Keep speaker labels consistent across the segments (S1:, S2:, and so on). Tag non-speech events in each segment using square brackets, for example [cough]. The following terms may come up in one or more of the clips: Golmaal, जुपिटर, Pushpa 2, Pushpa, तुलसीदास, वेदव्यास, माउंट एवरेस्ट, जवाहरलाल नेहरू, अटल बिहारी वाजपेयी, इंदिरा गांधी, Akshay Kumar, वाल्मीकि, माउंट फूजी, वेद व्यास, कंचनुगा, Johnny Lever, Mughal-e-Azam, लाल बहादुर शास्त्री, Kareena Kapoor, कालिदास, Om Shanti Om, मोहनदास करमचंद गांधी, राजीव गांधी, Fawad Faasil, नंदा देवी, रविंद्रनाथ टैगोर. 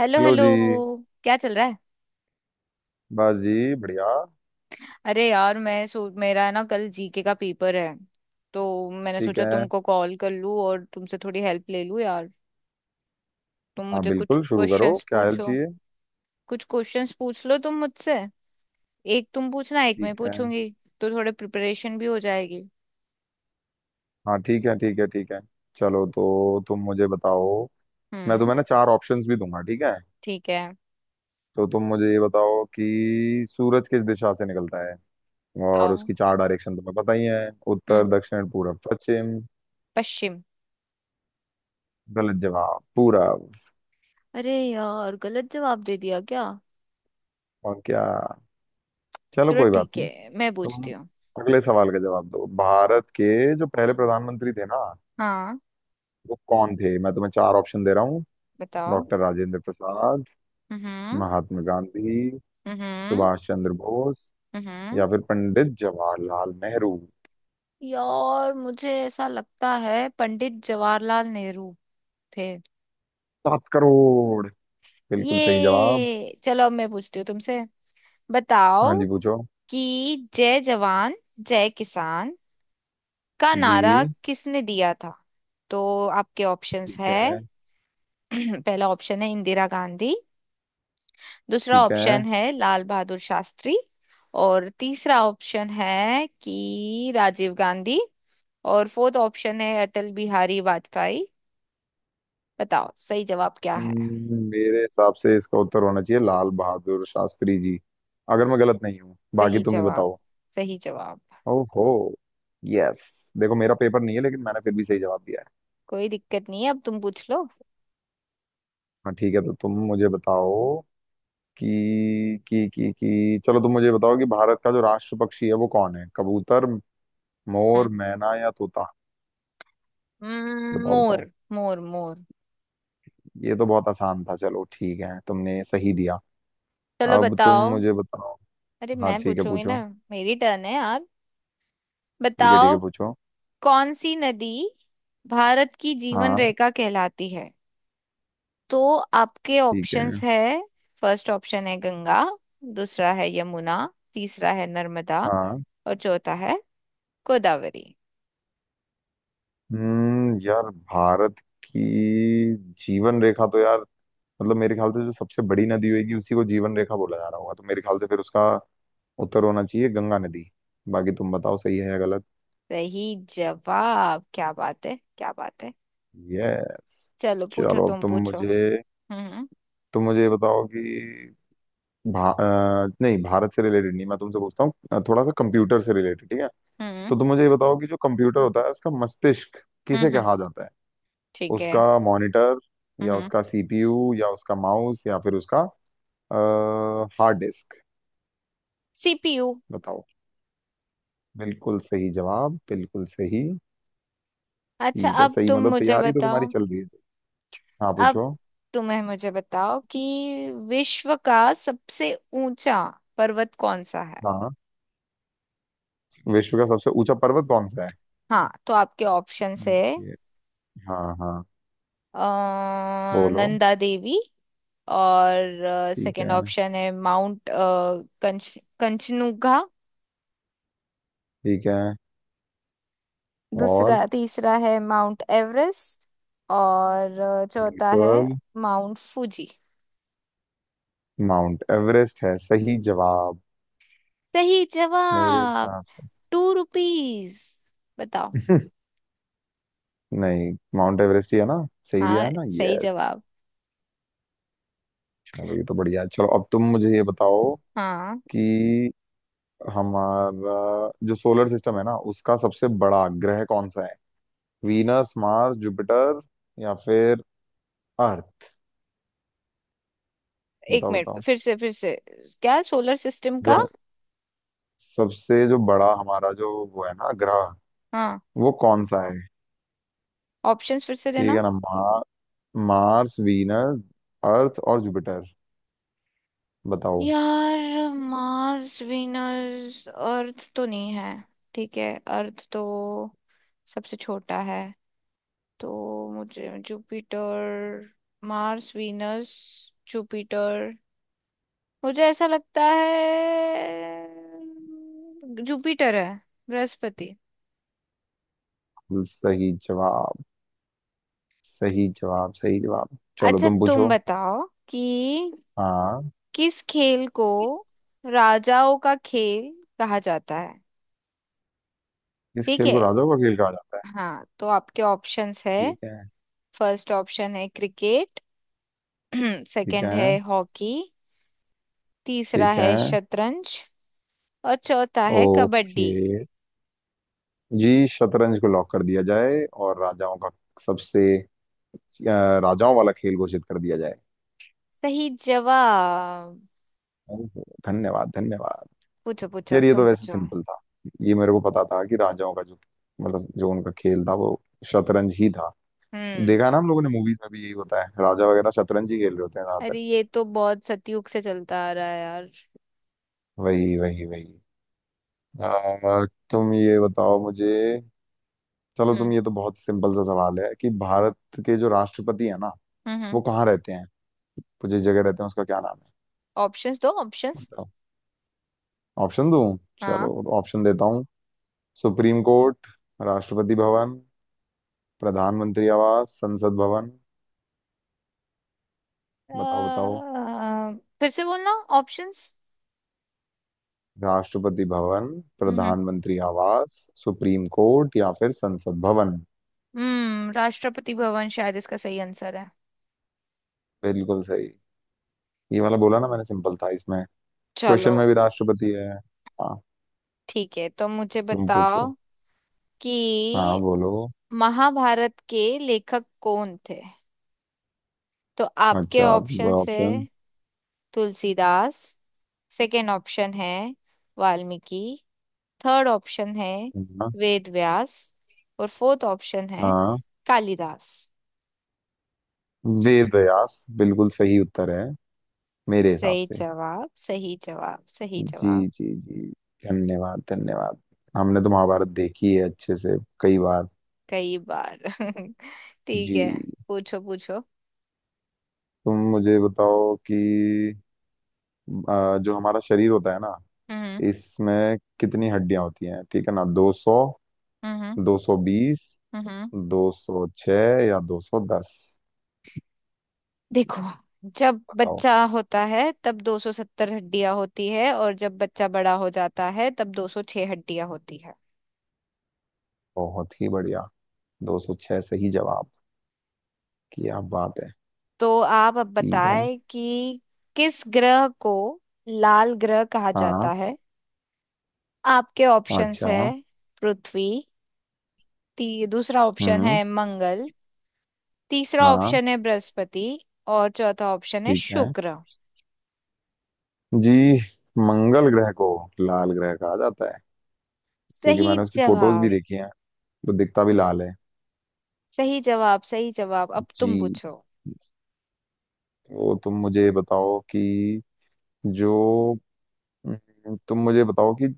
S1: Hello
S2: hello
S1: hello.
S2: जी।
S1: क्या चल रहा है?
S2: बस जी। बढ़िया।
S1: अरे यार मैं सो मेरा ना कल जीके का पेपर है। तो मैंने
S2: ठीक
S1: सोचा
S2: है।
S1: तुमको कॉल कर लूं और तुमसे थोड़ी हेल्प ले लूं यार। तुम
S2: हाँ
S1: मुझे कुछ
S2: बिल्कुल, शुरू करो,
S1: क्वेश्चंस
S2: क्या हेल्प
S1: पूछो।
S2: चाहिए।
S1: कुछ क्वेश्चंस पूछ लो तुम मुझसे। एक तुम पूछना एक मैं
S2: ठीक है।
S1: पूछूंगी। तो थोड़े प्रिपरेशन भी हो जाएगी।
S2: हाँ ठीक है, ठीक है, ठीक है। चलो तो तुम मुझे बताओ। मैं
S1: हम्म।
S2: तुम्हें ना चार ऑप्शंस भी दूंगा, ठीक है।
S1: ठीक है।
S2: तो तुम मुझे ये बताओ कि सूरज किस दिशा से निकलता है। और
S1: आओ।
S2: उसकी चार डायरेक्शन तुम्हें पता ही है। उत्तर,
S1: हम्म
S2: दक्षिण, पूरब, पश्चिम।
S1: पश्चिम।
S2: गलत जवाब, पूरब।
S1: अरे यार गलत जवाब दे दिया क्या?
S2: और क्या। चलो
S1: चलो
S2: कोई बात
S1: ठीक
S2: नहीं।
S1: है मैं पूछती
S2: तुम
S1: हूँ।
S2: अगले सवाल का जवाब दो। भारत के जो पहले प्रधानमंत्री थे ना,
S1: हाँ।
S2: वो कौन थे। मैं तुम्हें चार ऑप्शन दे रहा हूँ।
S1: बताओ।
S2: डॉक्टर राजेंद्र प्रसाद,
S1: हम्म।
S2: महात्मा गांधी,
S1: हम्म।
S2: सुभाष चंद्र बोस,
S1: हम्म।
S2: या फिर पंडित जवाहरलाल नेहरू।
S1: यार मुझे ऐसा लगता है पंडित जवाहरलाल नेहरू थे।
S2: सात करोड़, बिल्कुल सही जवाब।
S1: ये चलो अब मैं पूछती हूँ तुमसे।
S2: हाँ
S1: बताओ
S2: जी पूछो।
S1: कि जय जवान जय किसान का
S2: जी।
S1: नारा किसने दिया था। तो आपके ऑप्शंस
S2: ठीक
S1: है।
S2: है,
S1: [clears throat] पहला ऑप्शन है इंदिरा गांधी। दूसरा
S2: ठीक है।
S1: ऑप्शन है लाल बहादुर शास्त्री। और तीसरा ऑप्शन है कि राजीव गांधी। और फोर्थ ऑप्शन है अटल बिहारी वाजपेयी। बताओ सही जवाब क्या है?
S2: मेरे हिसाब से इसका उत्तर होना चाहिए लाल बहादुर शास्त्री जी। अगर मैं गलत नहीं हूँ, बाकी
S1: सही
S2: तुम ही
S1: जवाब।
S2: बताओ।
S1: सही जवाब।
S2: ओहो। यस, देखो मेरा पेपर नहीं है लेकिन मैंने फिर भी सही जवाब दिया है।
S1: कोई दिक्कत नहीं है अब तुम पूछ लो।
S2: हाँ ठीक है, तो तुम मुझे बताओ कि चलो तुम मुझे बताओ कि भारत का जो राष्ट्र पक्षी है वो कौन है। कबूतर, मोर,
S1: हम्म।
S2: मैना या तोता। बताओ
S1: मोर
S2: बताओ।
S1: मोर मोर।
S2: ये तो बहुत आसान था, चलो ठीक है, तुमने सही दिया।
S1: चलो
S2: अब तुम
S1: बताओ।
S2: मुझे बताओ।
S1: अरे
S2: हाँ
S1: मैं
S2: ठीक है
S1: पूछूंगी ना।
S2: पूछो।
S1: मेरी टर्न है यार। बताओ।
S2: ठीक है पूछो।
S1: कौन सी नदी भारत की जीवन
S2: हाँ।
S1: रेखा कहलाती है? तो आपके
S2: ठीक है।
S1: ऑप्शंस है। फर्स्ट ऑप्शन है गंगा। दूसरा है यमुना। तीसरा है नर्मदा।
S2: हाँ।
S1: और चौथा है गोदावरी।
S2: हम्म, यार भारत की जीवन रेखा तो यार, मतलब मेरे ख्याल से जो सबसे बड़ी नदी होगी उसी को जीवन रेखा बोला जा रहा होगा, तो मेरे ख्याल से फिर उसका उत्तर होना चाहिए गंगा नदी। बाकी तुम बताओ सही है या गलत।
S1: सही जवाब। क्या बात है! क्या बात है!
S2: यस।
S1: चलो पूछो
S2: चलो अब
S1: तुम
S2: तुम
S1: पूछो।
S2: मुझे
S1: हम्म।
S2: ये बताओ कि नहीं, भारत से रिलेटेड नहीं, मैं तुमसे पूछता हूँ थोड़ा सा कंप्यूटर से रिलेटेड, ठीक है।
S1: हम्म।
S2: तो तुम मुझे ये बताओ कि जो कंप्यूटर होता है उसका मस्तिष्क किसे
S1: हम्म।
S2: कहा जाता है।
S1: ठीक है।
S2: उसका मॉनिटर, या
S1: हम्म।
S2: उसका सीपीयू, या उसका माउस, या फिर उसका हार्ड डिस्क।
S1: सीपीयू।
S2: बताओ। बिल्कुल सही जवाब, बिल्कुल सही।
S1: अच्छा
S2: ठीक है,
S1: अब
S2: सही,
S1: तुम
S2: मतलब
S1: मुझे
S2: तैयारी तो तुम्हारी
S1: बताओ।
S2: चल रही है। हाँ
S1: अब
S2: पूछो।
S1: तुम्हें मुझे बताओ कि विश्व का सबसे ऊंचा पर्वत कौन सा है?
S2: हाँ, विश्व का सबसे ऊंचा पर्वत कौन सा है।
S1: हाँ तो आपके ऑप्शंस है।
S2: ये। हाँ हाँ। बोलो।
S1: नंदा देवी। और
S2: ठीक
S1: सेकंड
S2: है।
S1: ऑप्शन है माउंट कंच कंचनुगा।
S2: ठीक है।
S1: दूसरा
S2: और।
S1: तीसरा है माउंट एवरेस्ट। और चौथा है
S2: बिल्कुल।
S1: माउंट फूजी।
S2: माउंट एवरेस्ट है सही जवाब
S1: सही
S2: मेरे
S1: जवाब।
S2: हिसाब से।
S1: Two rupees. बताओ।
S2: [laughs] नहीं, माउंट एवरेस्ट ही है ना। सही दिया
S1: हाँ।
S2: है ना।
S1: सही
S2: यस।
S1: जवाब।
S2: चलो, ये तो बढ़िया है। चलो अब तुम मुझे ये बताओ
S1: हाँ।
S2: कि हमारा जो सोलर सिस्टम है ना उसका सबसे बड़ा ग्रह कौन सा है। वीनस, मार्स, जुपिटर, या फिर अर्थ।
S1: एक
S2: बताओ
S1: मिनट
S2: बताओ।
S1: फिर से फिर से। क्या सोलर सिस्टम
S2: जो
S1: का?
S2: सबसे जो बड़ा हमारा जो वो है ना ग्रह,
S1: हाँ।
S2: वो कौन सा है।
S1: ऑप्शंस फिर से
S2: ठीक
S1: देना।
S2: है ना। मार्स, वीनस, अर्थ और जुपिटर। बताओ।
S1: यार मार्स वीनस अर्थ तो नहीं है। ठीक है। अर्थ तो सबसे छोटा है। तो मुझे जुपिटर। Mars Venus जुपिटर। मुझे ऐसा लगता है जुपिटर है। बृहस्पति।
S2: सही जवाब, सही जवाब, सही जवाब। चलो
S1: अच्छा
S2: तुम
S1: तुम
S2: पूछो।
S1: बताओ कि
S2: हाँ,
S1: किस खेल को राजाओं का खेल कहा जाता है।
S2: इस
S1: ठीक
S2: खेल को
S1: है।
S2: राजाओं का खेल कहा जाता है।
S1: हाँ तो आपके ऑप्शंस है।
S2: ठीक है।
S1: फर्स्ट ऑप्शन है क्रिकेट। [clears throat]
S2: ठीक
S1: सेकंड
S2: है।
S1: है हॉकी। तीसरा
S2: ठीक
S1: है
S2: है।
S1: शतरंज। और चौथा है
S2: ओके।
S1: कबड्डी।
S2: जी, शतरंज को लॉक कर दिया जाए, और राजाओं का सबसे राजाओं वाला खेल घोषित कर दिया जाए।
S1: सही जवाब।
S2: ओहो, धन्यवाद धन्यवाद।
S1: पूछो पूछो
S2: यार,
S1: अब
S2: ये तो
S1: तुम
S2: वैसे
S1: पूछो।
S2: सिंपल था। ये मेरे को पता था कि राजाओं का जो मतलब जो उनका खेल था वो शतरंज ही था।
S1: हम्म।
S2: देखा ना, हम लोगों ने मूवीज में भी यही होता है, राजा वगैरह शतरंज ही खेल रहे होते हैं
S1: अरे
S2: ज्यादातर।
S1: ये तो बहुत सतयुग से चलता आ रहा है यार।
S2: वही वही वही। आ, तुम ये बताओ मुझे। चलो
S1: हम्म।
S2: तुम, ये तो बहुत सिंपल सा सवाल है, कि भारत के जो राष्ट्रपति है ना
S1: हम्म। हम्म।
S2: वो कहाँ रहते हैं। वो जिस जगह रहते हैं उसका क्या नाम है।
S1: ऑप्शंस दो ऑप्शंस।
S2: बताओ। ऑप्शन दूं। चलो,
S1: हाँ।
S2: ऑप्शन देता हूँ। सुप्रीम कोर्ट, राष्ट्रपति भवन, प्रधानमंत्री आवास, संसद भवन।
S1: अ,
S2: बताओ बताओ।
S1: फिर से बोलना। ऑप्शंस।
S2: राष्ट्रपति भवन,
S1: हम्म।
S2: प्रधानमंत्री आवास,
S1: हम्म।
S2: सुप्रीम कोर्ट, या फिर संसद भवन।
S1: राष्ट्रपति भवन शायद इसका सही आंसर है।
S2: बिल्कुल सही। ये वाला बोला ना मैंने, सिंपल था इसमें, क्वेश्चन
S1: चलो
S2: में भी राष्ट्रपति है। हाँ।
S1: ठीक है तो मुझे
S2: तुम
S1: बताओ
S2: पूछो। हाँ
S1: कि
S2: बोलो।
S1: महाभारत के लेखक कौन थे। तो आपके
S2: अच्छा।
S1: Option
S2: option.
S1: है। तुलसीदास। सेकंड ऑप्शन है वाल्मीकि। थर्ड ऑप्शन है
S2: हाँ।
S1: वेदव्यास। और फोर्थ ऑप्शन है
S2: हाँ,
S1: कालिदास।
S2: वेद व्यास बिल्कुल सही उत्तर है मेरे हिसाब
S1: सही
S2: से।
S1: जवाब। सही जवाब। सही
S2: जी।
S1: जवाब।
S2: जी जी। धन्यवाद धन्यवाद। हमने तो महाभारत देखी है अच्छे से कई बार।
S1: कई बार। [laughs] ठीक
S2: जी।
S1: है। पूछो पूछो।
S2: तुम मुझे बताओ कि जो हमारा शरीर होता है ना
S1: हम्म।
S2: इसमें कितनी हड्डियां होती हैं। ठीक है ना। 200,
S1: हम्म।
S2: 220,
S1: हम्म।
S2: 206, या 210।
S1: देखो जब
S2: बताओ।
S1: बच्चा होता है तब 270 हड्डियां होती है और जब बच्चा बड़ा हो जाता है तब 206 हड्डियां होती है।
S2: बहुत ही बढ़िया, 206 सही जवाब, क्या बात है।
S1: तो आप अब
S2: ठीक है।
S1: बताएं कि किस ग्रह को लाल ग्रह कहा
S2: हाँ।
S1: जाता है। आपके
S2: हाँ
S1: ऑप्शंस
S2: अच्छा।
S1: है। पृथ्वी। दूसरा ऑप्शन
S2: हम्म।
S1: है मंगल। तीसरा
S2: हाँ।
S1: ऑप्शन है बृहस्पति। और चौथा ऑप्शन है
S2: ठीक है।
S1: शुक्र।
S2: जी, मंगल ग्रह को लाल ग्रह कहा जाता है, क्योंकि
S1: सही
S2: मैंने उसकी फोटोज भी
S1: जवाब।
S2: देखी हैं, तो दिखता भी लाल है।
S1: सही जवाब। सही जवाब। अब
S2: जी।
S1: तुम पूछो।
S2: तो तुम मुझे बताओ कि जो तुम मुझे बताओ कि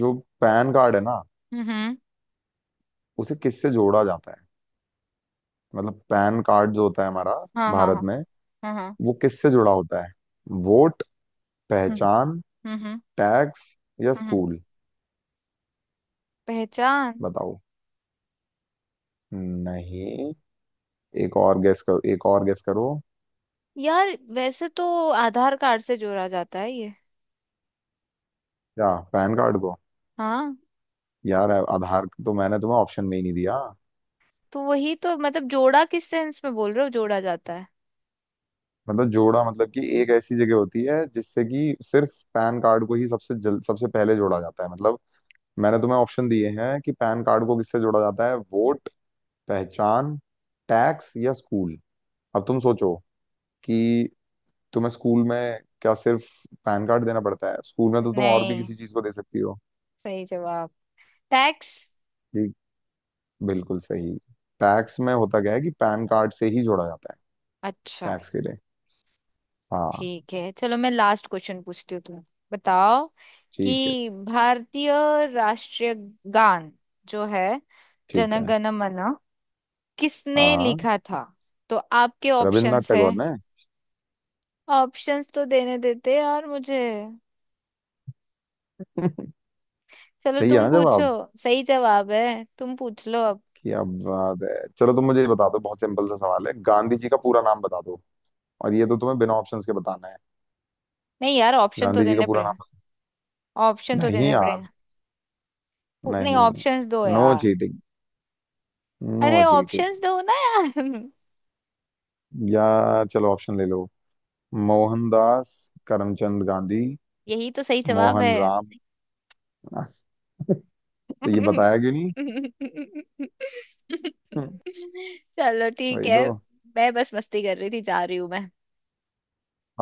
S2: जो पैन कार्ड है ना
S1: हम्म।
S2: उसे किससे जोड़ा जाता है। मतलब पैन कार्ड जो होता है हमारा
S1: हाँ हाँ
S2: भारत
S1: हाँ।
S2: में,
S1: हाँ हाँ।
S2: वो किससे जुड़ा होता है। वोट,
S1: हम्म।
S2: पहचान,
S1: हम्म।
S2: टैक्स या
S1: हम्म
S2: स्कूल।
S1: पहचान।
S2: बताओ। नहीं, एक और गेस करो, एक और गेस करो।
S1: यार वैसे तो आधार कार्ड से जोड़ा जाता है ये।
S2: क्या, पैन कार्ड को।
S1: हाँ।
S2: यार आधार तो मैंने तुम्हें ऑप्शन में ही नहीं दिया।
S1: तो वही तो मतलब जोड़ा किस सेंस में बोल रहे हो जोड़ा जाता है?
S2: मतलब जोड़ा, मतलब कि एक ऐसी जगह होती है जिससे कि सिर्फ पैन कार्ड को ही सबसे पहले जोड़ा जाता है। मतलब मैंने तुम्हें ऑप्शन दिए हैं कि पैन कार्ड को किससे जोड़ा जाता है। वोट, पहचान, टैक्स या स्कूल। अब तुम सोचो कि तुम्हें स्कूल में क्या सिर्फ पैन कार्ड देना पड़ता है। स्कूल में तो तुम और भी
S1: नहीं।
S2: किसी चीज को दे सकती हो।
S1: सही जवाब। टैक्स।
S2: जी, बिल्कुल सही। टैक्स में होता क्या है कि पैन कार्ड से ही जोड़ा जाता है,
S1: अच्छा।
S2: टैक्स के लिए। हाँ।
S1: ठीक है चलो मैं लास्ट क्वेश्चन पूछती हूँ। तुम बताओ
S2: ठीक है।
S1: कि भारतीय राष्ट्रीय गान जो है
S2: ठीक
S1: जन
S2: है।
S1: गण मन किसने
S2: हाँ,
S1: लिखा था। तो आपके
S2: रविन्द्रनाथ
S1: ऑप्शंस है।
S2: टैगोर ने।
S1: ऑप्शंस तो देने देते यार मुझे।
S2: [laughs]
S1: चलो
S2: सही है
S1: तुम
S2: ना
S1: पूछो।
S2: जवाब।
S1: सही जवाब है तुम पूछ लो अब।
S2: क्या बात है, चलो तुम मुझे ये बता दो, बहुत सिंपल सा सवाल है, गांधी जी का पूरा नाम बता दो। और ये तो तुम्हें बिना ऑप्शंस के बताना है।
S1: नहीं यार ऑप्शन तो
S2: गांधी जी का
S1: देने
S2: पूरा नाम
S1: पड़ेंगे।
S2: बता-।
S1: ऑप्शन तो
S2: नहीं
S1: देने
S2: यार।
S1: पड़ेंगे। नहीं
S2: नहीं,
S1: ऑप्शंस दो
S2: नो
S1: यार।
S2: चीटिंग। नो
S1: अरे
S2: चीटिंग।
S1: ऑप्शंस दो ना यार [laughs]
S2: या चलो, ऑप्शन ले लो। मोहनदास करमचंद गांधी,
S1: यही तो सही जवाब है।
S2: मोहन राम। [laughs] तो ये
S1: [laughs]
S2: बताया क्यों नहीं। [laughs]
S1: चलो ठीक
S2: वही
S1: है।
S2: तो।
S1: मैं बस मस्ती कर रही थी जा रही हूँ मैं।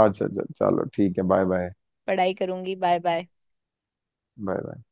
S2: अच्छा अच्छा, चलो ठीक है, बाय बाय।
S1: पढ़ाई करूंगी बाय बाय।
S2: Bye bye.